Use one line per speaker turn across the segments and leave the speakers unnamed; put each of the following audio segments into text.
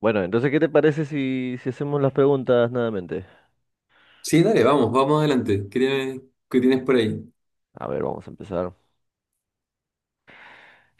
Bueno, entonces, ¿qué te parece si hacemos las preguntas nuevamente?
Sí, dale, vamos, vamos adelante. Qué tienes por ahí?
A ver, vamos a empezar.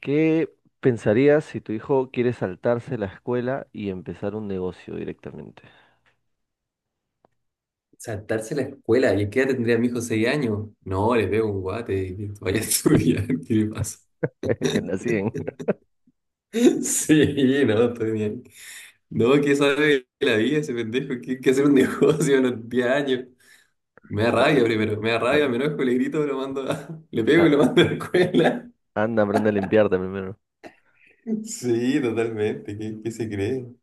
¿Qué pensarías si tu hijo quiere saltarse la escuela y empezar un negocio directamente?
Saltarse la escuela. ¿Y qué edad tendría mi hijo? ¿6 años? No, le pego un guate y vaya a estudiar. ¿Qué le pasa?
En la 100.
Sí, no, estoy bien. No, ¿qué sabe de la vida ese pendejo? ¿Qué hacer un negocio a los 10 años? Me da
No,
rabia primero, me da rabia,
nada.
me enojo, le grito, lo mando a... le pego y lo
Ah,
mando a la escuela.
anda, aprende a limpiarte primero.
Sí, totalmente. ¿Qué se cree?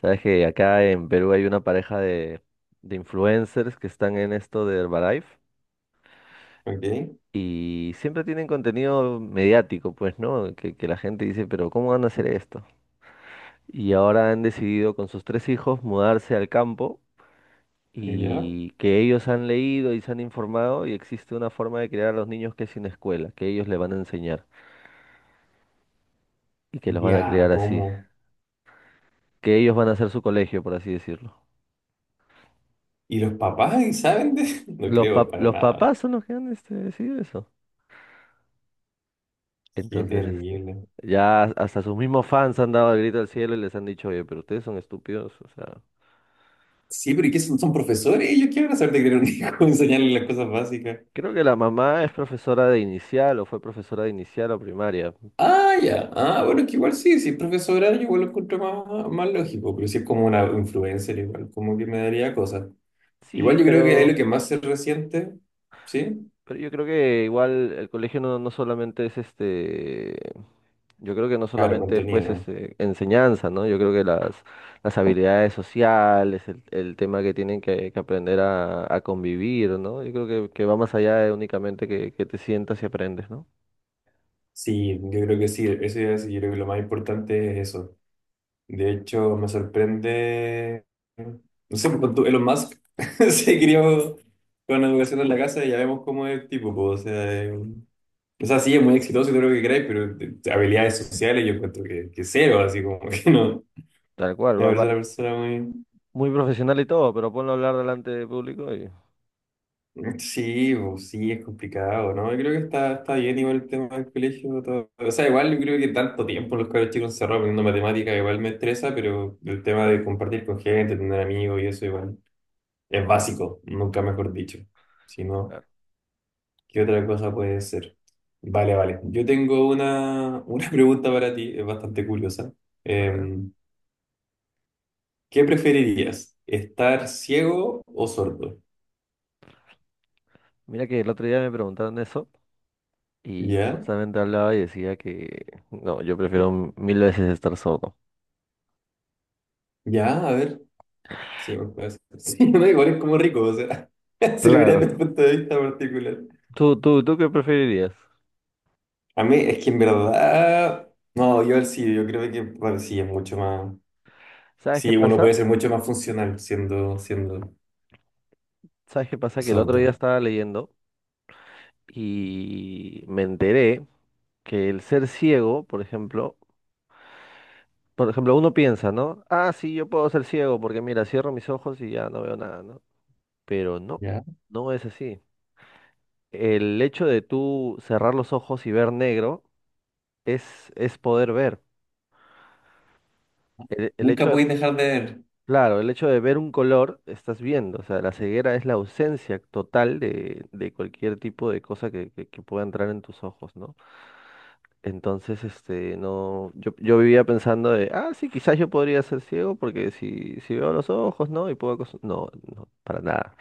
Sabes que acá en Perú hay una pareja de influencers que están en esto de Herbalife
Ok,
y siempre tienen contenido mediático, pues, ¿no? Que la gente dice, pero ¿cómo van a hacer esto? Y ahora han decidido con sus tres hijos mudarse al campo
ya.
y que ellos han leído y se han informado y existe una forma de criar a los niños que es sin escuela, que ellos le van a enseñar y que los van a
Ya,
criar así,
¿cómo?
que ellos van a hacer su colegio, por así decirlo.
¿Y los papás saben de...? No
Los
creo
pap-
para
los
nada.
papás son los que han decidido eso.
Qué
Entonces,
terrible.
ya hasta sus mismos fans han dado el grito al cielo y les han dicho, oye, pero ustedes son estúpidos, o sea.
Sí, pero ¿y qué son? ¿Son profesores? Ellos qué van a saber de crear un hijo, enseñarles las cosas básicas.
Creo que la mamá es profesora de inicial o fue profesora de inicial o primaria.
Ah, ya. Ah, bueno, que igual sí, si es profesora, yo igual lo encuentro más, más lógico, pero si es como una influencer, igual, como que me daría cosas.
Sí,
Igual yo creo que ahí
pero
lo que más se resiente, ¿sí?
Yo creo que igual el colegio no solamente es yo creo que no
Claro,
solamente es pues
contenido.
enseñanza, ¿no? Yo creo que las habilidades sociales, el tema que tienen que aprender a convivir, ¿no? Yo creo que va más allá de únicamente que te sientas y aprendes, ¿no?
Sí, yo creo que sí, eso es, yo creo que lo más importante es eso. De hecho, me sorprende. No sé, Elon Musk se crió con la educación en la casa y ya vemos cómo es el tipo. Po, O sea, sí, es muy exitoso y todo lo que queráis, pero de habilidades sociales yo encuentro que cero, así como que no.
Tal cual,
Me
va,
parece
va
una persona muy.
muy profesional y todo, pero ponlo a hablar delante de público y...
Sí, po, sí, es complicado, ¿no? Yo creo que está bien igual el tema del colegio. Todo. O sea, igual yo creo que tanto tiempo los cabros chicos encerrados aprendiendo matemáticas igual me estresa, pero el tema de compartir con gente, tener amigos y eso igual. Es
Claro,
básico, nunca mejor dicho. Si no,
claro.
¿qué otra cosa puede ser? Vale, vale. Yo tengo una pregunta para ti, es bastante curiosa.
A ver,
Eh, ¿Qué preferirías? ¿Estar ciego o sordo?
mira que el otro día me preguntaron eso y
¿Ya?
justamente hablaba y decía que, no, yo prefiero mil veces estar solo.
¿Ya? A ver. Sí, pues, puede ser. Sí, no, igual es como rico, o sea, si lo miras desde el
Claro.
punto de vista particular.
¿Tú qué preferirías?
A mí es que en verdad... No, yo al sí, yo creo que bueno, sí, es mucho más...
¿Sabes qué
Sí, uno
pasa?
puede ser mucho más funcional siendo
¿Sabes qué pasa? Que el otro día
sordo.
estaba leyendo y me enteré que el ser ciego, por ejemplo, uno piensa, ¿no? Ah, sí, yo puedo ser ciego porque mira, cierro mis ojos y ya no veo nada, ¿no? Pero no es así. El hecho de tú cerrar los ojos y ver negro es poder ver. El hecho
Nunca podéis dejar de ver.
Claro, el hecho de ver un color, estás viendo, o sea, la ceguera es la ausencia total de cualquier tipo de cosa que pueda entrar en tus ojos, ¿no? Entonces, no, yo vivía pensando de, ah, sí, quizás yo podría ser ciego porque si veo los ojos, ¿no? No, no, para nada.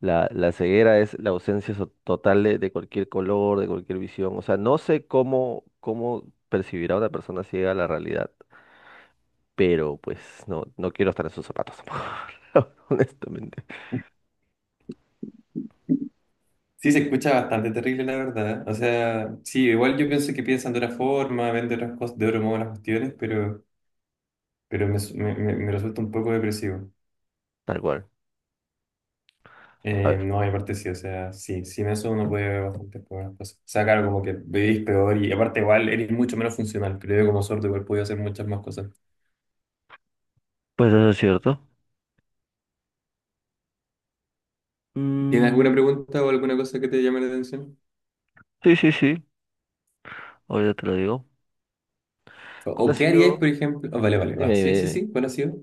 La ceguera es la ausencia total de cualquier color, de cualquier visión. O sea, no sé cómo percibirá una persona ciega la realidad, pero pues no quiero estar en sus zapatos, amor, honestamente.
Sí, se escucha bastante terrible, la verdad. O sea, sí, igual yo pienso que piensan de otra forma, ven de otras cosas, de otro modo las cuestiones, pero me, su- me- me resulta un poco depresivo.
Tal cual. A ver.
No, y aparte sí, o sea, sí, sin eso uno puede ver bastantes pocas cosas. O sea, claro, como que vivís peor y aparte igual eres mucho menos funcional. Creo que como sordo igual podía hacer muchas más cosas.
Pues eso es cierto.
¿Tienes alguna
Mm,
pregunta o alguna cosa que te llame la atención?
sí, sí, sí. Ahora te lo digo.
¿O,
¿Cuál
o
ha
qué haríais,
sido,
por ejemplo? Ah, vale, vale, va.
dime,
Sí,
dime,
sí,
dime,
sí, ¿cuál ha sido?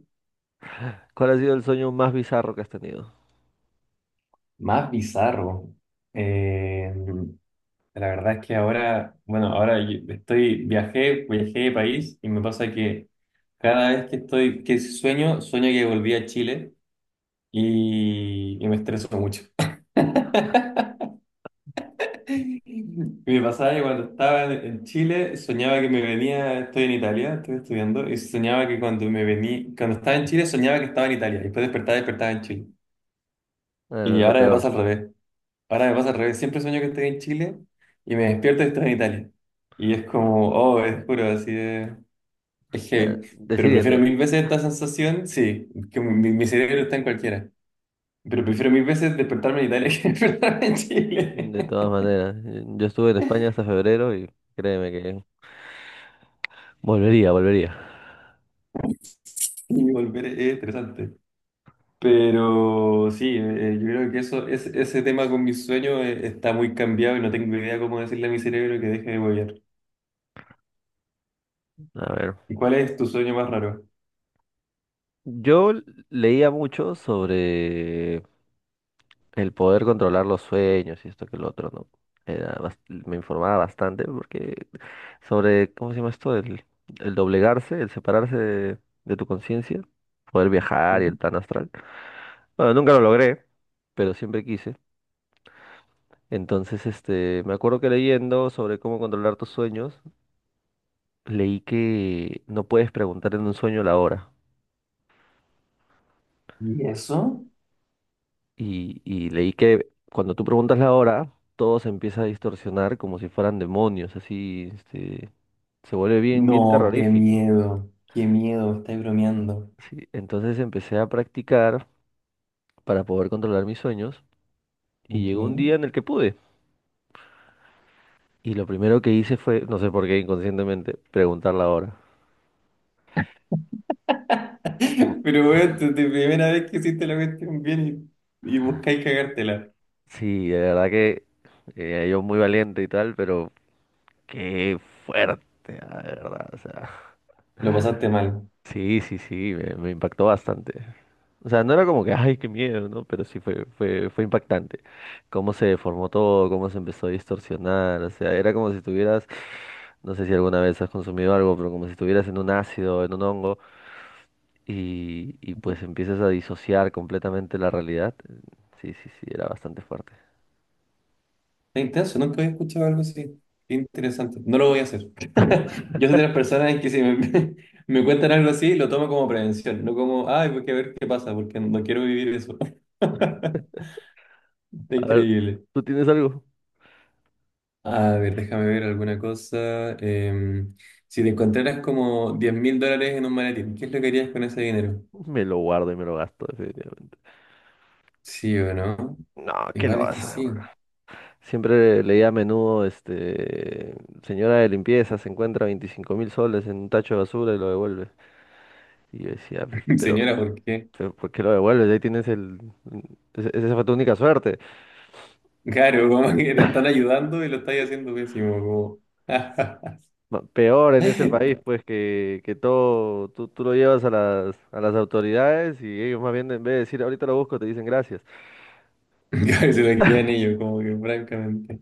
¿cuál ha sido el sueño más bizarro que has tenido?
Más bizarro. Eh, La verdad es que ahora, bueno, ahora yo estoy, viajé, viajé de país y me pasa que cada vez que estoy, que sueño, sueño que volví a Chile y me estreso mucho. Y Me pasaba que cuando estaba en Chile, soñaba que me venía, estoy en Italia, estoy estudiando, y soñaba que cuando me venía, cuando estaba en Chile, soñaba que estaba en Italia, y después despertaba, despertaba en Chile. Y
Lo
ahora me pasa al
peor.
revés. Ahora me pasa al revés, siempre sueño que estoy en Chile y me despierto y estoy en Italia. Y es como, oh, es puro, así de... Es heavy. Pero prefiero
Decídete,
mil veces esta sensación, sí, que mi cerebro está en cualquiera. Pero prefiero mil veces despertarme en Italia que despertarme en
de
Chile.
todas maneras. Yo estuve en España hasta febrero y créeme que volvería, volvería.
Y volver es interesante. Pero sí, yo creo que eso, es, ese tema con mis sueños está muy cambiado y no tengo idea cómo decirle a mi cerebro que deje de volver.
A ver.
¿Y cuál es tu sueño más raro?
Yo leía mucho sobre el poder controlar los sueños y esto que lo otro, ¿no? Era bas- Me informaba bastante porque sobre, ¿cómo se llama esto? El doblegarse, el separarse de tu conciencia, poder viajar y el
Ujú.
plan astral. Bueno, nunca lo logré, pero siempre quise. Entonces, me acuerdo que leyendo sobre cómo controlar tus sueños, leí que no puedes preguntar en un sueño la hora.
¿Y eso?
Y leí que cuando tú preguntas la hora, todo se empieza a distorsionar como si fueran demonios, así, se vuelve bien, bien
No,
terrorífico.
qué miedo, estáis bromeando.
Sí, entonces empecé a practicar para poder controlar mis sueños y
Ok.
llegó un día en el que pude. Y lo primero que hice fue, no sé por qué inconscientemente, preguntar la hora. Put-
Pero bueno, tu primera vez que hiciste la cuestión bien y buscáis cagártela.
Sí, de verdad que yo muy valiente y tal, pero qué fuerte, ah, de verdad. O sea,
Lo pasaste mal.
sí, sí, sí, me impactó bastante. O sea, no era como que, ay, qué miedo, ¿no? Pero sí fue impactante. Cómo se deformó todo, cómo se empezó a distorsionar. O sea, era como si estuvieras no sé si alguna vez has consumido algo, pero como si estuvieras en un ácido, en un hongo, y pues
Está
empiezas a disociar completamente la realidad. Sí, sí, sí, era bastante fuerte.
intenso, nunca había escuchado algo así. Qué interesante. No lo voy a hacer. Yo soy de las personas que si me, me cuentan algo así, lo tomo como prevención, no como, ay, voy a ver qué pasa, porque no quiero vivir eso.
A ver,
Increíble.
¿tú tienes algo?
A ver, déjame ver alguna cosa. Si te encontraras como 10.000 dólares en un maletín, ¿qué es lo que harías con ese dinero?
Me lo guardo y me lo gasto, definitivamente.
¿Sí o no?
No, ¿qué lo
Igual es que
vas a devolver?
sí.
Siempre leía a menudo, señora de limpieza se encuentra 25 mil soles en un tacho de basura y lo devuelve. Y yo decía, "P- pero,
Señora, ¿por qué?
pero ¿por qué lo devuelves? Ahí tienes el... Esa fue tu única suerte.
Claro, como que te están ayudando y lo estáis haciendo pésimo. Como...
Peor en este país, pues que todo tú lo llevas a las, autoridades y ellos más bien en vez de decir ahorita lo busco, te dicen gracias.
Se lo quedan ellos, como que francamente.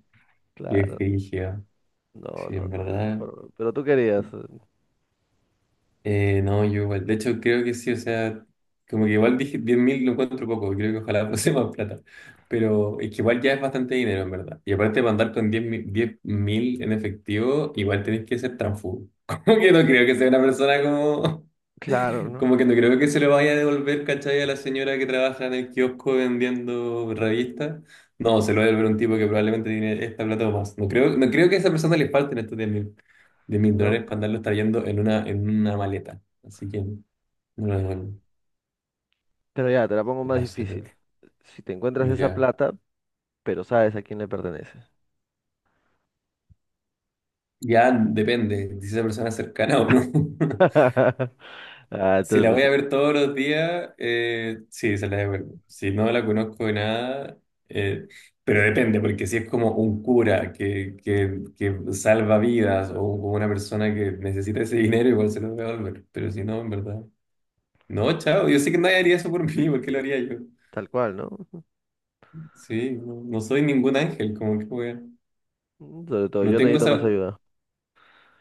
Qué
Claro,
frigio.
no,
Sí,
no,
en
no.
verdad.
Pero tú querías,
No, yo igual. De hecho, creo que sí, o sea, como que igual dije 10.000 lo encuentro poco, creo que ojalá fuese más plata. Pero es que igual ya es bastante dinero, en verdad. Y aparte para andar con 10.000 en efectivo, igual tenés que ser transfugo. Como que no creo que sea una persona como...
claro, ¿no?
Como que no creo que se lo vaya a devolver, ¿cachai? A la señora que trabaja en el kiosco vendiendo revistas. No, se lo va a devolver un tipo que probablemente tiene esta plata o más. No creo, no creo que a esa persona le falten estos 10.000 de 1.000 dólares
¿No?
para andarlos trayendo en una maleta. Así que no lo devuelven,
Pero ya, te la pongo
en
más difícil.
absoluto.
Si te encuentras esa
Ya,
plata, pero sabes a quién le pertenece.
ya depende si esa persona es cercana o no.
Ah,
Si la
entonces,
voy
pues,
a ver todos los días, sí, se la devuelvo. Si no la conozco de nada, eh, pero depende, porque si es como un cura que salva vidas o como una persona que necesita ese dinero, igual se lo voy a devolver. Pero si no, en verdad. No, chao. Yo sé que nadie haría eso por mí, ¿por qué lo haría yo?
tal cual, ¿no?
Sí, no, no soy ningún ángel, como que wea.
Sobre todo,
No
yo
tengo
necesito más
esa.
ayuda.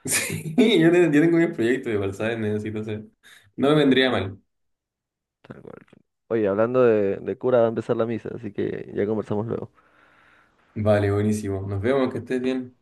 Sí, yo tengo mi proyecto de igual, ¿sabes? Necesito hacer. No me vendría mal.
Tal cual. Oye, hablando de cura, va a empezar la misa, así que ya conversamos luego.
Vale, buenísimo. Nos vemos, que estés bien.